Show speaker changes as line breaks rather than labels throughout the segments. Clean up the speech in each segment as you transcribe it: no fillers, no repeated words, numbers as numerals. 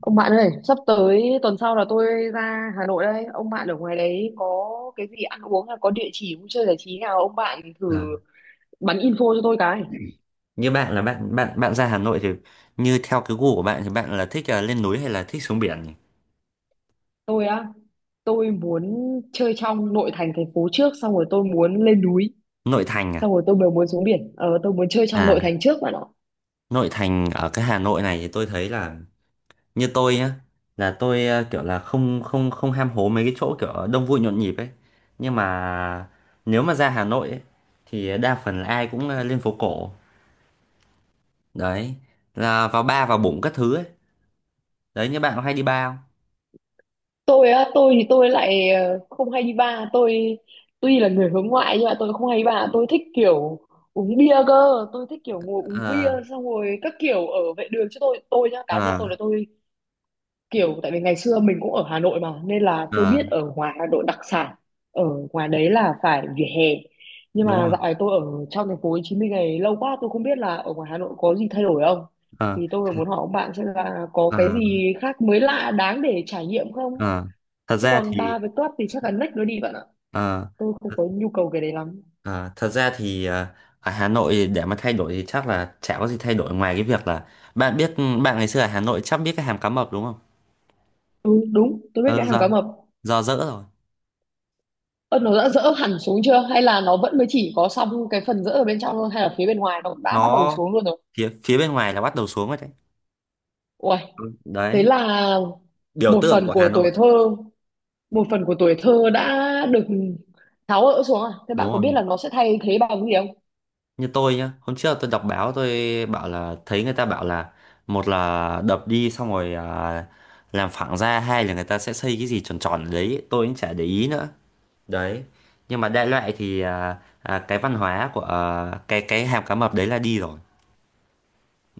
Ông bạn ơi, sắp tới tuần sau là tôi ra Hà Nội đây. Ông bạn ở ngoài đấy có cái gì ăn uống hay có địa chỉ vui chơi giải trí nào ông bạn thử
À,
bắn info cho tôi cái.
như bạn là bạn bạn bạn ra Hà Nội thì như theo cái gu của bạn thì bạn là thích lên núi hay là thích xuống biển nhỉ?
Tôi á, tôi muốn chơi trong nội thành thành phố trước, xong rồi tôi muốn lên núi,
Nội thành à?
xong rồi tôi mới muốn xuống biển. Ờ tôi muốn chơi trong
À,
nội thành trước bạn ạ.
nội thành ở cái Hà Nội này thì tôi thấy là như tôi nhá, là tôi kiểu là không không không ham hố mấy cái chỗ kiểu đông vui nhộn nhịp ấy. Nhưng mà nếu mà ra Hà Nội ấy, thì đa phần là ai cũng lên phố cổ. Đấy, là vào bar vào bụng các thứ ấy. Đấy như bạn có hay đi bar không?
Tôi á, tôi thì tôi lại không hay đi bar. Tôi tuy là người hướng ngoại nhưng mà tôi không hay đi bar, tôi thích kiểu uống bia cơ. Tôi thích kiểu ngồi uống bia
Ờ,
xong rồi các kiểu ở vệ đường, chứ tôi nhá,
ờ,
cá nhân tôi là tôi kiểu, tại vì ngày xưa mình cũng ở Hà Nội mà, nên là tôi
ờ,
biết ở ngoài Hà Nội đặc sản ở ngoài đấy là phải vỉa hè. Nhưng
đúng
mà
rồi.
dạo này tôi ở trong thành phố Hồ Chí Minh này lâu quá, tôi không biết là ở ngoài Hà Nội có gì thay đổi không,
Ờ,
thì tôi muốn hỏi ông bạn xem là có
ờ.
cái gì khác mới lạ đáng để trải nghiệm không,
Ờ, thật
chứ
ra
còn
thì
bar với club thì chắc là next nó đi bạn ạ.
ờ,
Tôi không có nhu cầu cái đấy lắm.
ờ, thật ra thì ờ, ở Hà Nội để mà thay đổi thì chắc là chả có gì thay đổi ngoài cái việc là bạn biết bạn ngày xưa ở Hà Nội chắc biết cái hàm cá mập đúng không?
Ừ đúng, tôi biết cái
Ờ,
hàng cá
do
mập.
dỡ rồi.
Ơ, nó đã dỡ hẳn xuống chưa, hay là nó vẫn mới chỉ có xong cái phần dỡ ở bên trong thôi, hay là phía bên ngoài nó đã bắt đầu
Nó
xuống luôn rồi?
phía phía bên ngoài là bắt đầu xuống rồi đấy.
Ui,
Ừ,
thế
đấy,
là
biểu
một
tượng
phần
của Hà
của tuổi
Nội.
thơ, một phần của tuổi thơ đã được tháo gỡ xuống à. Thế bạn
Đúng
có
rồi,
biết là nó sẽ thay thế bằng cái gì không?
như tôi nhá, hôm trước tôi đọc báo, tôi bảo là thấy người ta bảo là một là đập đi xong rồi làm phẳng ra, hai là người ta sẽ xây cái gì tròn tròn ở đấy, tôi cũng chả để ý nữa. Đấy, nhưng mà đại loại thì cái văn hóa của cái hàm cá mập đấy là đi rồi.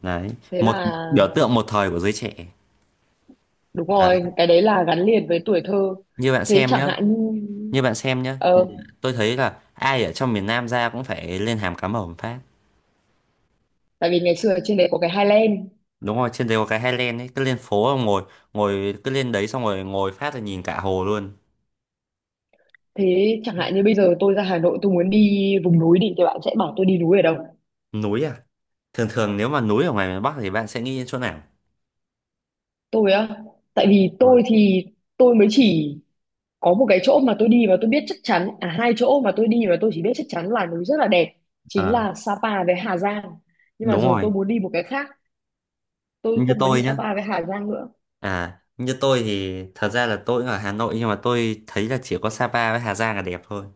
Đấy,
Thế
một
là
biểu tượng một thời của giới trẻ.
đúng
Đấy,
rồi, cái đấy là gắn liền với tuổi thơ.
như bạn
Thế
xem
chẳng
nhá
hạn như
như bạn xem nhá ừ,
ờ
tôi thấy là ai ở trong miền Nam ra cũng phải lên hàm cá mập một phát.
tại vì ngày xưa ở trên đấy có cái Highland.
Đúng rồi, trên đấy có cái Highland ấy, cứ lên phố mà ngồi, ngồi cứ lên đấy xong rồi ngồi phát là nhìn cả hồ luôn.
Thế chẳng hạn như bây giờ tôi ra Hà Nội, tôi muốn đi vùng núi đi thì bạn sẽ bảo tôi đi núi ở đâu?
Núi à? Thường thường nếu mà núi ở ngoài miền Bắc thì bạn sẽ nghĩ đến chỗ nào?
Tôi á, tại vì
Đúng rồi.
tôi thì tôi mới chỉ có một cái chỗ mà tôi đi và tôi biết chắc chắn, à hai chỗ mà tôi đi và tôi chỉ biết chắc chắn là núi rất là đẹp, chính
Ờ,
là Sapa với Hà Giang. Nhưng mà
đúng
rồi
rồi.
tôi muốn đi một cái khác, tôi
Như
không muốn đi
tôi nhá.
Sapa với Hà Giang nữa.
À, như tôi thì thật ra là tôi cũng ở Hà Nội nhưng mà tôi thấy là chỉ có Sapa với Hà Giang là đẹp thôi.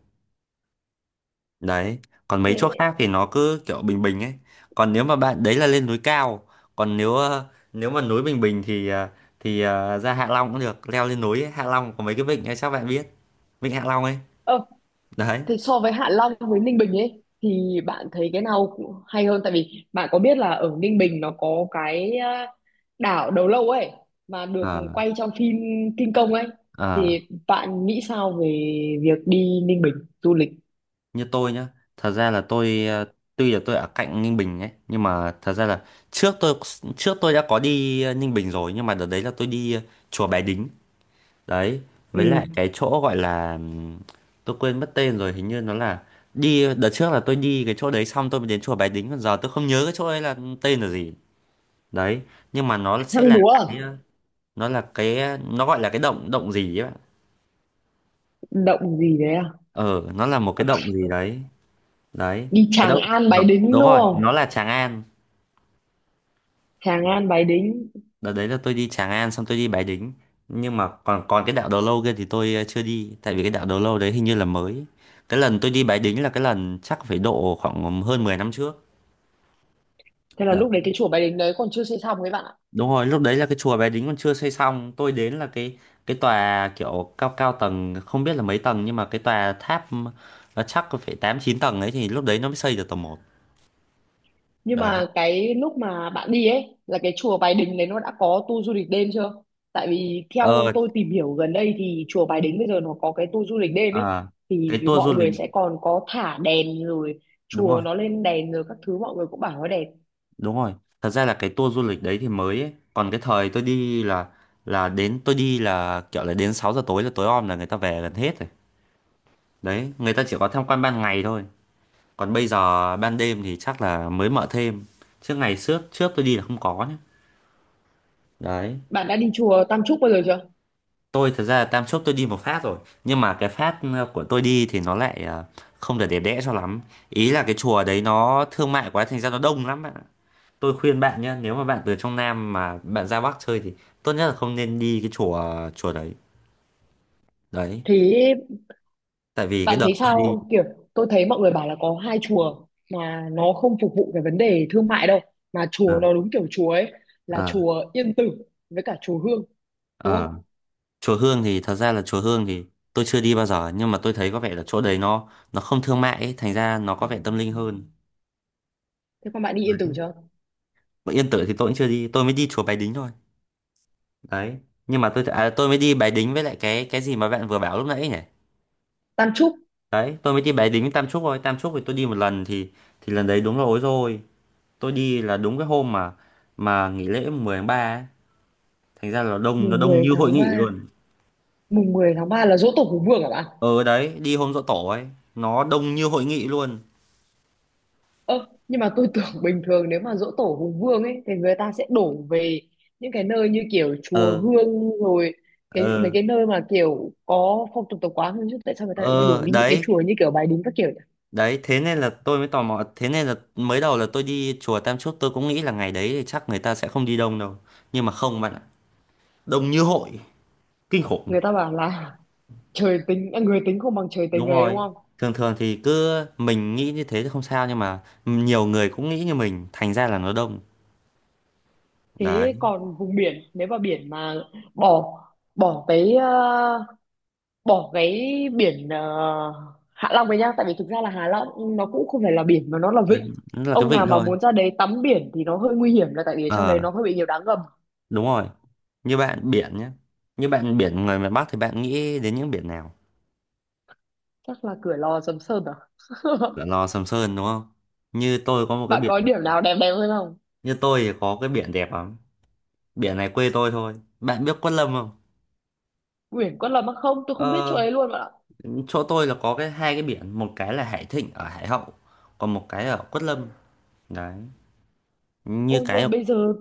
Đấy, còn mấy chỗ
Thế
khác thì nó cứ kiểu bình bình ấy. Còn nếu mà bạn đấy là lên núi cao, còn nếu mà núi bình bình thì ra Hạ Long cũng được, leo lên núi ấy. Hạ Long có mấy cái vịnh ấy chắc bạn biết. Vịnh Hạ Long ấy.
ờ
Đấy.
thì so với Hạ Long với Ninh Bình ấy thì bạn thấy cái nào hay hơn? Tại vì bạn có biết là ở Ninh Bình nó có cái à, đảo Đầu Lâu ấy, mà được
Ờ,
quay trong phim King Kong ấy,
ờ.
thì bạn nghĩ sao về việc đi Ninh Bình du lịch?
Như tôi nhá, thật ra là tôi tuy là tôi ở cạnh Ninh Bình ấy nhưng mà thật ra là trước tôi trước tôi đã có đi Ninh Bình rồi, nhưng mà đợt đấy là tôi đi chùa Bái Đính đấy,
Ừ.
với lại cái chỗ gọi là tôi quên mất tên rồi, hình như nó là, đi đợt trước là tôi đi cái chỗ đấy xong tôi mới đến chùa Bái Đính, còn giờ tôi không nhớ cái chỗ đấy là tên là gì. Đấy, nhưng mà
Hang múa à?
nó gọi là cái động động gì ấy bạn.
Động gì đấy à?
Ờ, nó là một cái động gì đấy. Đấy,
Đi
à
Tràng
đâu.
An Bái
Đúng
Đính
đúng
đúng
rồi, nó
không?
là Tràng An.
Tràng An Bái Đính.
Đợt đấy là tôi đi Tràng An xong tôi đi Bái Đính. Nhưng mà còn còn cái đảo Đầu Lâu kia thì tôi chưa đi. Tại vì cái đảo Đầu Lâu đấy hình như là mới. Cái lần tôi đi Bái Đính là cái lần chắc phải độ khoảng hơn 10 năm trước.
Thế là
Đó.
lúc đấy cái chùa Bái Đính đấy còn chưa xây xong ấy bạn ạ.
Đúng rồi, lúc đấy là cái chùa Bái Đính còn chưa xây xong. Tôi đến là cái tòa kiểu cao cao tầng, không biết là mấy tầng. Nhưng mà cái tòa tháp nó chắc có phải 8-9 tầng ấy. Thì lúc đấy nó mới xây được tầng 1.
Nhưng
Đấy.
mà cái lúc mà bạn đi ấy là cái chùa Bái Đính đấy nó đã có tour du lịch đêm chưa? Tại vì
Ờ,
theo tôi tìm hiểu gần đây thì chùa Bái Đính bây giờ nó có cái tour du lịch đêm ấy,
à,
thì
cái tour du
mọi
lịch,
người sẽ còn có thả đèn rồi
đúng
chùa
rồi.
nó lên đèn rồi các thứ, mọi người cũng bảo nó đẹp.
Đúng rồi. Thật ra là cái tour du lịch đấy thì mới ấy. Còn cái thời tôi đi là kiểu là đến 6 giờ tối là tối om là người ta về gần hết rồi. Đấy, người ta chỉ có tham quan ban ngày thôi. Còn bây giờ ban đêm thì chắc là mới mở thêm. Chứ ngày trước trước tôi đi là không có nhé. Đấy.
Bạn đã đi chùa Tam Trúc bao giờ chưa?
Tôi thật ra là Tam Chốt tôi đi một phát rồi. Nhưng mà cái phát của tôi đi thì nó lại không được đẹp đẽ cho lắm. Ý là cái chùa đấy nó thương mại quá thành ra nó đông lắm ạ. Tôi khuyên bạn nhé, nếu mà bạn từ trong Nam mà bạn ra Bắc chơi thì tốt nhất là không nên đi cái chùa chùa đấy. Đấy,
Thế
tại vì cái
bạn
đợt
thấy
tôi đi,
sao? Kiểu tôi thấy mọi người bảo là có hai chùa mà nó không phục vụ cái vấn đề thương mại đâu, mà chùa
à,
nó đúng kiểu chùa ấy, là
à,
chùa Yên Tử với cả chùa Hương, đúng
à,
không?
chùa Hương thì thật ra là chùa Hương thì tôi chưa đi bao giờ nhưng mà tôi thấy có vẻ là chỗ đấy nó không thương mại ấy, thành ra nó có vẻ tâm linh hơn.
Thế con bạn đi Yên
Đấy.
Tử chưa?
Mà Yên Tử thì tôi cũng chưa đi, tôi mới đi chùa Bái Đính thôi. Đấy, nhưng mà tôi mới đi Bái Đính với lại cái gì mà bạn vừa bảo lúc nãy nhỉ?
Tam trúc.
Đấy, tôi mới đi Bái Đính với Tam Trúc thôi. Tam Trúc thì tôi đi một lần thì lần đấy đúng là ối rồi. Tôi đi là đúng cái hôm mà nghỉ lễ 10 tháng 3 ấy. Thành ra là đông, nó
mùng
đông
mười
như hội
tháng
nghị
ba
luôn.
mùng 10 tháng 3 là giỗ tổ Hùng Vương hả bạn?
Ờ đấy, đi hôm giỗ tổ ấy, nó đông như hội nghị luôn.
Ơ, nhưng mà tôi tưởng bình thường nếu mà giỗ tổ Hùng Vương ấy thì người ta sẽ đổ về những cái nơi như kiểu chùa
Ờ
Hương rồi, cái mấy
ờ
cái nơi mà kiểu có phong tục tập quán hơn, chứ tại sao người ta lại đổ
ờ
đi những cái
đấy,
chùa như kiểu Bái Đính các kiểu nhỉ?
đấy, thế nên là tôi mới tò mò, thế nên là mới đầu là tôi đi chùa Tam Chốt tôi cũng nghĩ là ngày đấy thì chắc người ta sẽ không đi đông đâu. Nhưng mà không bạn ạ, đông như hội, kinh khủng.
Người ta bảo là trời tính à, người tính không bằng trời tính
Đúng
ấy đúng
rồi.
không?
Thường thường thì cứ mình nghĩ như thế thì không sao nhưng mà nhiều người cũng nghĩ như mình, thành ra là nó đông. Đấy,
Thế còn vùng biển, nếu mà biển mà bỏ bỏ tới ờ, bỏ cái biển ờ, Hạ Long này nhá, tại vì thực ra là Hạ Long nó cũng không phải là biển mà nó là vịnh.
nó là cái
Ông nào
vịnh
mà
thôi.
muốn ra đấy tắm biển thì nó hơi nguy hiểm, là tại vì ở trong đấy nó
Ờ.
hơi bị nhiều đá ngầm.
Đúng rồi. Như bạn biển nhé. Như bạn biển người miền Bắc thì bạn nghĩ đến những biển nào?
Chắc là Cửa Lò Sầm Sơn à.
Là Lò Sầm Sơn đúng không? Như tôi có một cái
Bạn
biển,
có điểm nào đẹp đẹp hơn không?
như tôi thì có cái biển đẹp lắm. Biển này quê tôi thôi. Bạn biết Quất Lâm không?
Biển Quất Lâm á? Không, tôi không biết chỗ
Ờ,
ấy luôn bạn ạ.
chỗ tôi là có cái hai cái biển, một cái là Hải Thịnh ở Hải Hậu, còn một cái ở Quất Lâm. Đấy. Như
Ô, nhưng
cái,
mà bây giờ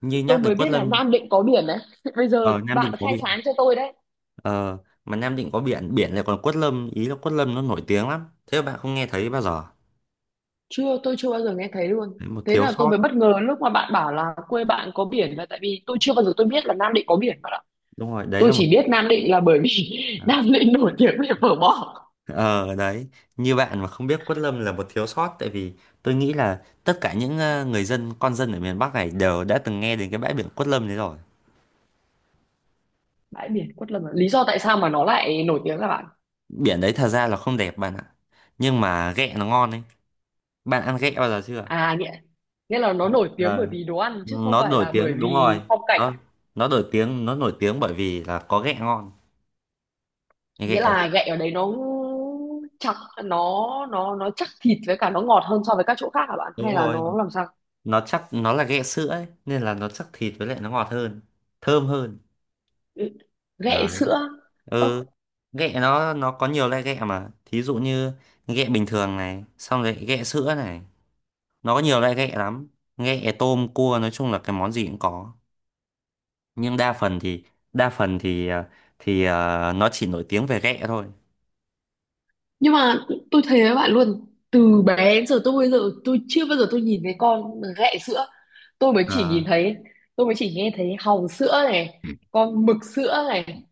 như
tôi
nhắc đến
mới
Quất
biết là
Lâm
Nam Định có biển đấy. Bây giờ
ở Nam Định
bạn
có
khai
biển.
sáng cho tôi đấy.
Ờ, mà Nam Định có biển, biển lại còn Quất Lâm, ý là Quất Lâm nó nổi tiếng lắm. Thế mà bạn không nghe thấy bao giờ.
Chưa, tôi chưa bao giờ nghe thấy luôn.
Đấy, một
Thế
thiếu
là tôi mới
sót.
bất ngờ lúc mà bạn bảo là quê bạn có biển, là tại vì tôi chưa bao giờ tôi biết là Nam Định có biển bạn ạ.
Đúng rồi, đấy
Tôi
là một.
chỉ biết Nam Định là bởi vì Nam Định nổi tiếng về phở bò.
Ờ đấy, như bạn mà không biết Quất Lâm là một thiếu sót, tại vì tôi nghĩ là tất cả những người dân con dân ở miền Bắc này đều đã từng nghe đến cái bãi biển Quất Lâm đấy rồi.
Bãi biển Quất Lâm à? Lý do tại sao mà nó lại nổi tiếng là bạn?
Biển đấy thật ra là không đẹp bạn ạ. Nhưng mà ghẹ nó ngon ấy. Bạn ăn ghẹ bao giờ chưa?
À, nghĩa nghĩa là nó nổi tiếng bởi
Ờ,
vì đồ ăn chứ không
nó
phải
nổi
là bởi
tiếng đúng
vì
rồi.
phong
Nó
cảnh?
nó nổi tiếng bởi vì là có ghẹ ngon. Cái ghẹ
Nghĩa
đấy
là gậy ở đấy nó chắc, nó chắc thịt với cả nó ngọt hơn so với các chỗ khác hả bạn,
đúng
hay là
rồi.
nó làm sao?
Nó chắc, nó là ghẹ sữa ấy nên là nó chắc thịt với lại nó ngọt hơn, thơm hơn.
Ừ, ghẹ
Đấy.
sữa.
Ừ, ghẹ nó có nhiều loại ghẹ mà thí dụ như ghẹ bình thường này xong rồi ghẹ sữa này, nó có nhiều loại ghẹ lắm, ghẹ tôm cua nói chung là cái món gì cũng có. Nhưng đa phần thì ờ, nó chỉ nổi tiếng về ghẹ thôi.
Nhưng mà tôi thấy với bạn luôn, từ bé đến giờ tôi, bây giờ tôi chưa bao giờ tôi nhìn thấy con ghẹ sữa. Tôi mới chỉ
Ờ,
nhìn thấy, tôi mới chỉ nghe thấy hàu sữa này, con mực sữa này,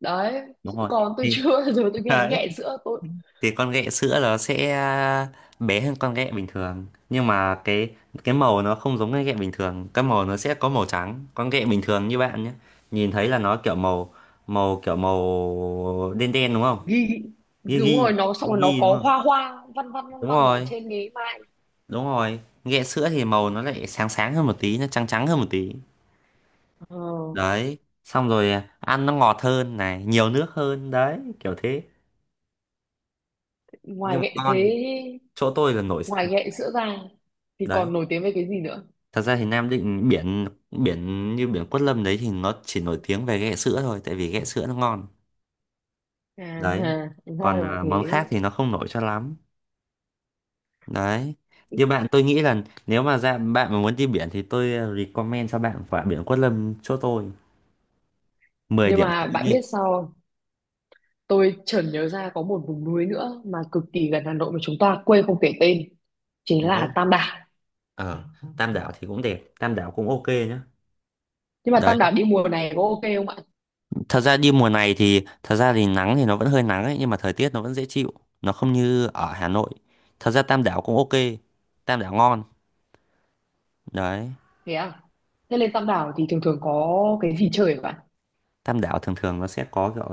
đấy,
đúng rồi
còn tôi
thì
chưa bao giờ tôi nghe đến
đấy,
ghẹ sữa tôi.
thì con ghẹ sữa nó sẽ bé hơn con ghẹ bình thường, nhưng mà cái màu nó không giống cái ghẹ bình thường, cái màu nó sẽ có màu trắng. Con ghẹ bình thường như bạn nhé, nhìn thấy là nó kiểu màu, màu kiểu màu đen đen đúng không?
Ghi,
ghi
đúng rồi,
ghi
nó xong
ghi
rồi nó
ghi đúng
có
không?
hoa hoa văn văn văn
Đúng
văn ở
rồi,
trên cái mai.
đúng rồi, ghẹ sữa thì màu nó lại sáng sáng hơn một tí, nó trắng trắng hơn một tí.
Ờ,
Đấy, xong rồi ăn nó ngọt hơn này, nhiều nước hơn đấy, kiểu thế.
ngoài
Nhưng mà
ghẹ thế,
con, chỗ tôi là nổi
ngoài ghẹ sữa ra thì
đấy.
còn nổi tiếng với cái gì nữa?
Thật ra thì Nam Định biển biển như biển Quất Lâm đấy thì nó chỉ nổi tiếng về ghẹ sữa thôi, tại vì ghẹ sữa nó ngon.
À,
Đấy,
ha, ra
còn
là
món
thế.
khác thì nó không nổi cho lắm. Đấy, như bạn tôi nghĩ là nếu mà ra bạn mà muốn đi biển thì tôi recommend cho bạn quả biển Quất Lâm chỗ tôi. mười
Nhưng
điểm
mà
không có
bạn
nhưng,
biết sao không? Tôi chợt nhớ ra có một vùng núi nữa mà cực kỳ gần Hà Nội mà chúng ta quê không kể tên, chính là
nó
Tam Đảo.
ở Tam Đảo thì cũng đẹp, Tam Đảo cũng ok nhá.
Nhưng mà
Đấy,
Tam Đảo đi mùa này có ok không ạ?
thật ra đi mùa này thì thật ra thì nắng thì nó vẫn hơi nắng ấy nhưng mà thời tiết nó vẫn dễ chịu, nó không như ở Hà Nội. Thật ra Tam Đảo cũng ok, Tam Đảo ngon. Đấy,
Thế à? Thế lên Tam Đảo thì thường thường có cái gì chơi vậy ạ?
Tam Đảo thường thường nó sẽ có kiểu,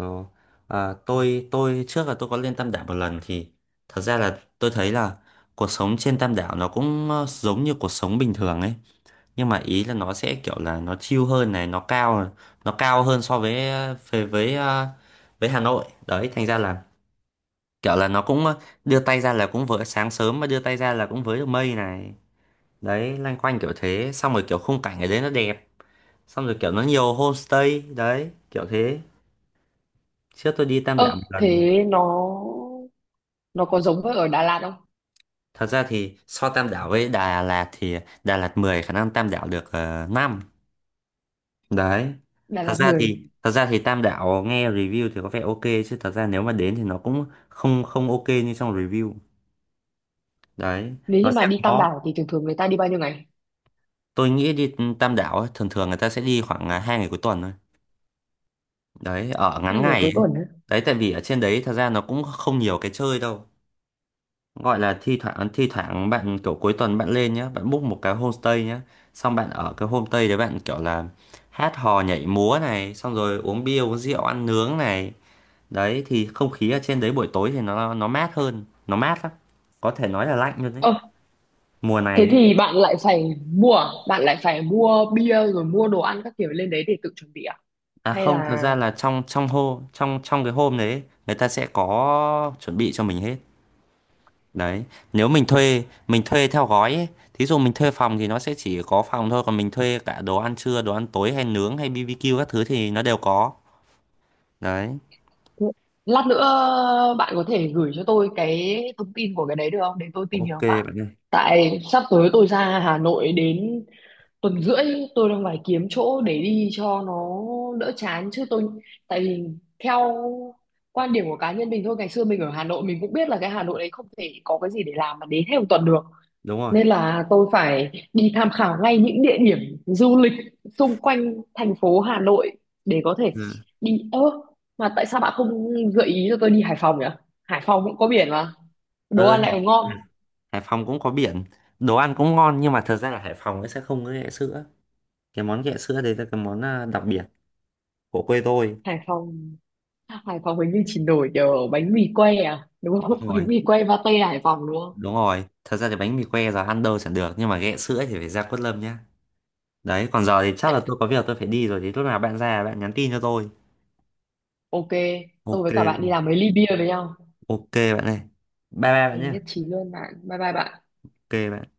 tôi trước là tôi có lên Tam Đảo một lần thì thật ra là tôi thấy là cuộc sống trên Tam Đảo nó cũng giống như cuộc sống bình thường ấy, nhưng mà ý là nó sẽ kiểu là nó chill hơn này, nó cao hơn so với với, ờ, với Hà Nội đấy, thành ra là kiểu là nó cũng đưa tay ra là cũng với, sáng sớm mà đưa tay ra là cũng với được mây này. Đấy, loanh quanh kiểu thế, xong rồi kiểu khung cảnh ở đấy nó đẹp, xong rồi kiểu nó nhiều homestay đấy, kiểu thế. Trước tôi đi Tam
Ơ,
Đảo một lần mà.
thế nó có giống với ở Đà Lạt không?
Thật ra thì so Tam Đảo với Đà Lạt thì Đà Lạt 10 khả năng Tam Đảo được 5. Đấy.
Đà
Thật
Lạt
ra
10.
thì thật ra thì Tam Đảo nghe review thì có vẻ ok chứ thật ra nếu mà đến thì nó cũng không không ok như trong review. Đấy.
Nếu
Nó
như mà
sẽ
đi Tam
có,
Đảo thì thường thường người ta đi bao nhiêu ngày?
tôi nghĩ đi Tam Đảo ấy, thường thường người ta sẽ đi khoảng 2 ngày cuối tuần thôi. Đấy, ở ngắn
2 ngày
ngày ấy.
cuối tuần á.
Đấy, tại vì ở trên đấy thật ra nó cũng không nhiều cái chơi đâu. Gọi là thi thoảng bạn kiểu cuối tuần bạn lên nhá, bạn book một cái homestay nhá, xong bạn ở cái homestay đấy bạn kiểu là hát hò nhảy múa này, xong rồi uống bia uống rượu ăn nướng này. Đấy thì không khí ở trên đấy buổi tối thì nó mát hơn, nó mát lắm, có thể nói là lạnh luôn đấy,
Ơ,
mùa này
thế
ấy.
thì bạn lại phải mua, à, bạn lại phải mua bia rồi mua đồ ăn các kiểu lên đấy để tự chuẩn bị à?
À
Hay
không, thật
là
ra là trong trong hô trong trong cái hôm đấy ấy, người ta sẽ có chuẩn bị cho mình hết. Đấy, nếu mình thuê theo gói ấy. Thí dụ mình thuê phòng thì nó sẽ chỉ có phòng thôi, còn mình thuê cả đồ ăn trưa, đồ ăn tối hay nướng hay BBQ các thứ thì nó đều có. Đấy,
lát nữa bạn có thể gửi cho tôi cái thông tin của cái đấy được không, để tôi tìm
ok
hiểu phát?
bạn ơi.
Tại sắp tới tôi ra Hà Nội đến tuần rưỡi, tôi đang phải kiếm chỗ để đi cho nó đỡ chán chứ tôi, tại vì theo quan điểm của cá nhân mình thôi, ngày xưa mình ở Hà Nội mình cũng biết là cái Hà Nội đấy không thể có cái gì để làm mà đến hết một tuần được,
Đúng rồi.
nên là tôi phải đi tham khảo ngay những địa điểm du lịch xung quanh thành phố Hà Nội để có thể
Ừ.
đi. Ơ, mà tại sao bạn không gợi ý cho tôi đi Hải Phòng nhỉ? Hải Phòng cũng có biển mà đồ
Ờ,
ăn
Hải
lại còn ngon.
Hải Phòng cũng có biển. Đồ ăn cũng ngon nhưng mà thật ra là Hải Phòng nó sẽ không có ghẹ sữa. Cái món ghẹ sữa đấy là cái món đặc biệt của quê tôi.
Hải Phòng, Hải Phòng hình như chỉ nổi nhờ bánh mì quay à đúng
Đúng
không? Bánh
rồi,
mì quay pate Hải Phòng đúng không?
đúng rồi. Thật ra thì bánh mì que giờ ăn đâu chẳng được nhưng mà ghẹ sữa thì phải ra Quất Lâm nhá. Đấy, còn giờ thì chắc là tôi có việc tôi phải đi rồi, thì lúc nào bạn ra bạn nhắn tin cho tôi.
Ok, tôi
Ok.
với cả bạn đi làm mấy ly bia với nhau.
Ok bạn này, bye bye bạn
Ừ,
nhé.
nhất trí luôn bạn. Bye bye bạn.
Ok bạn.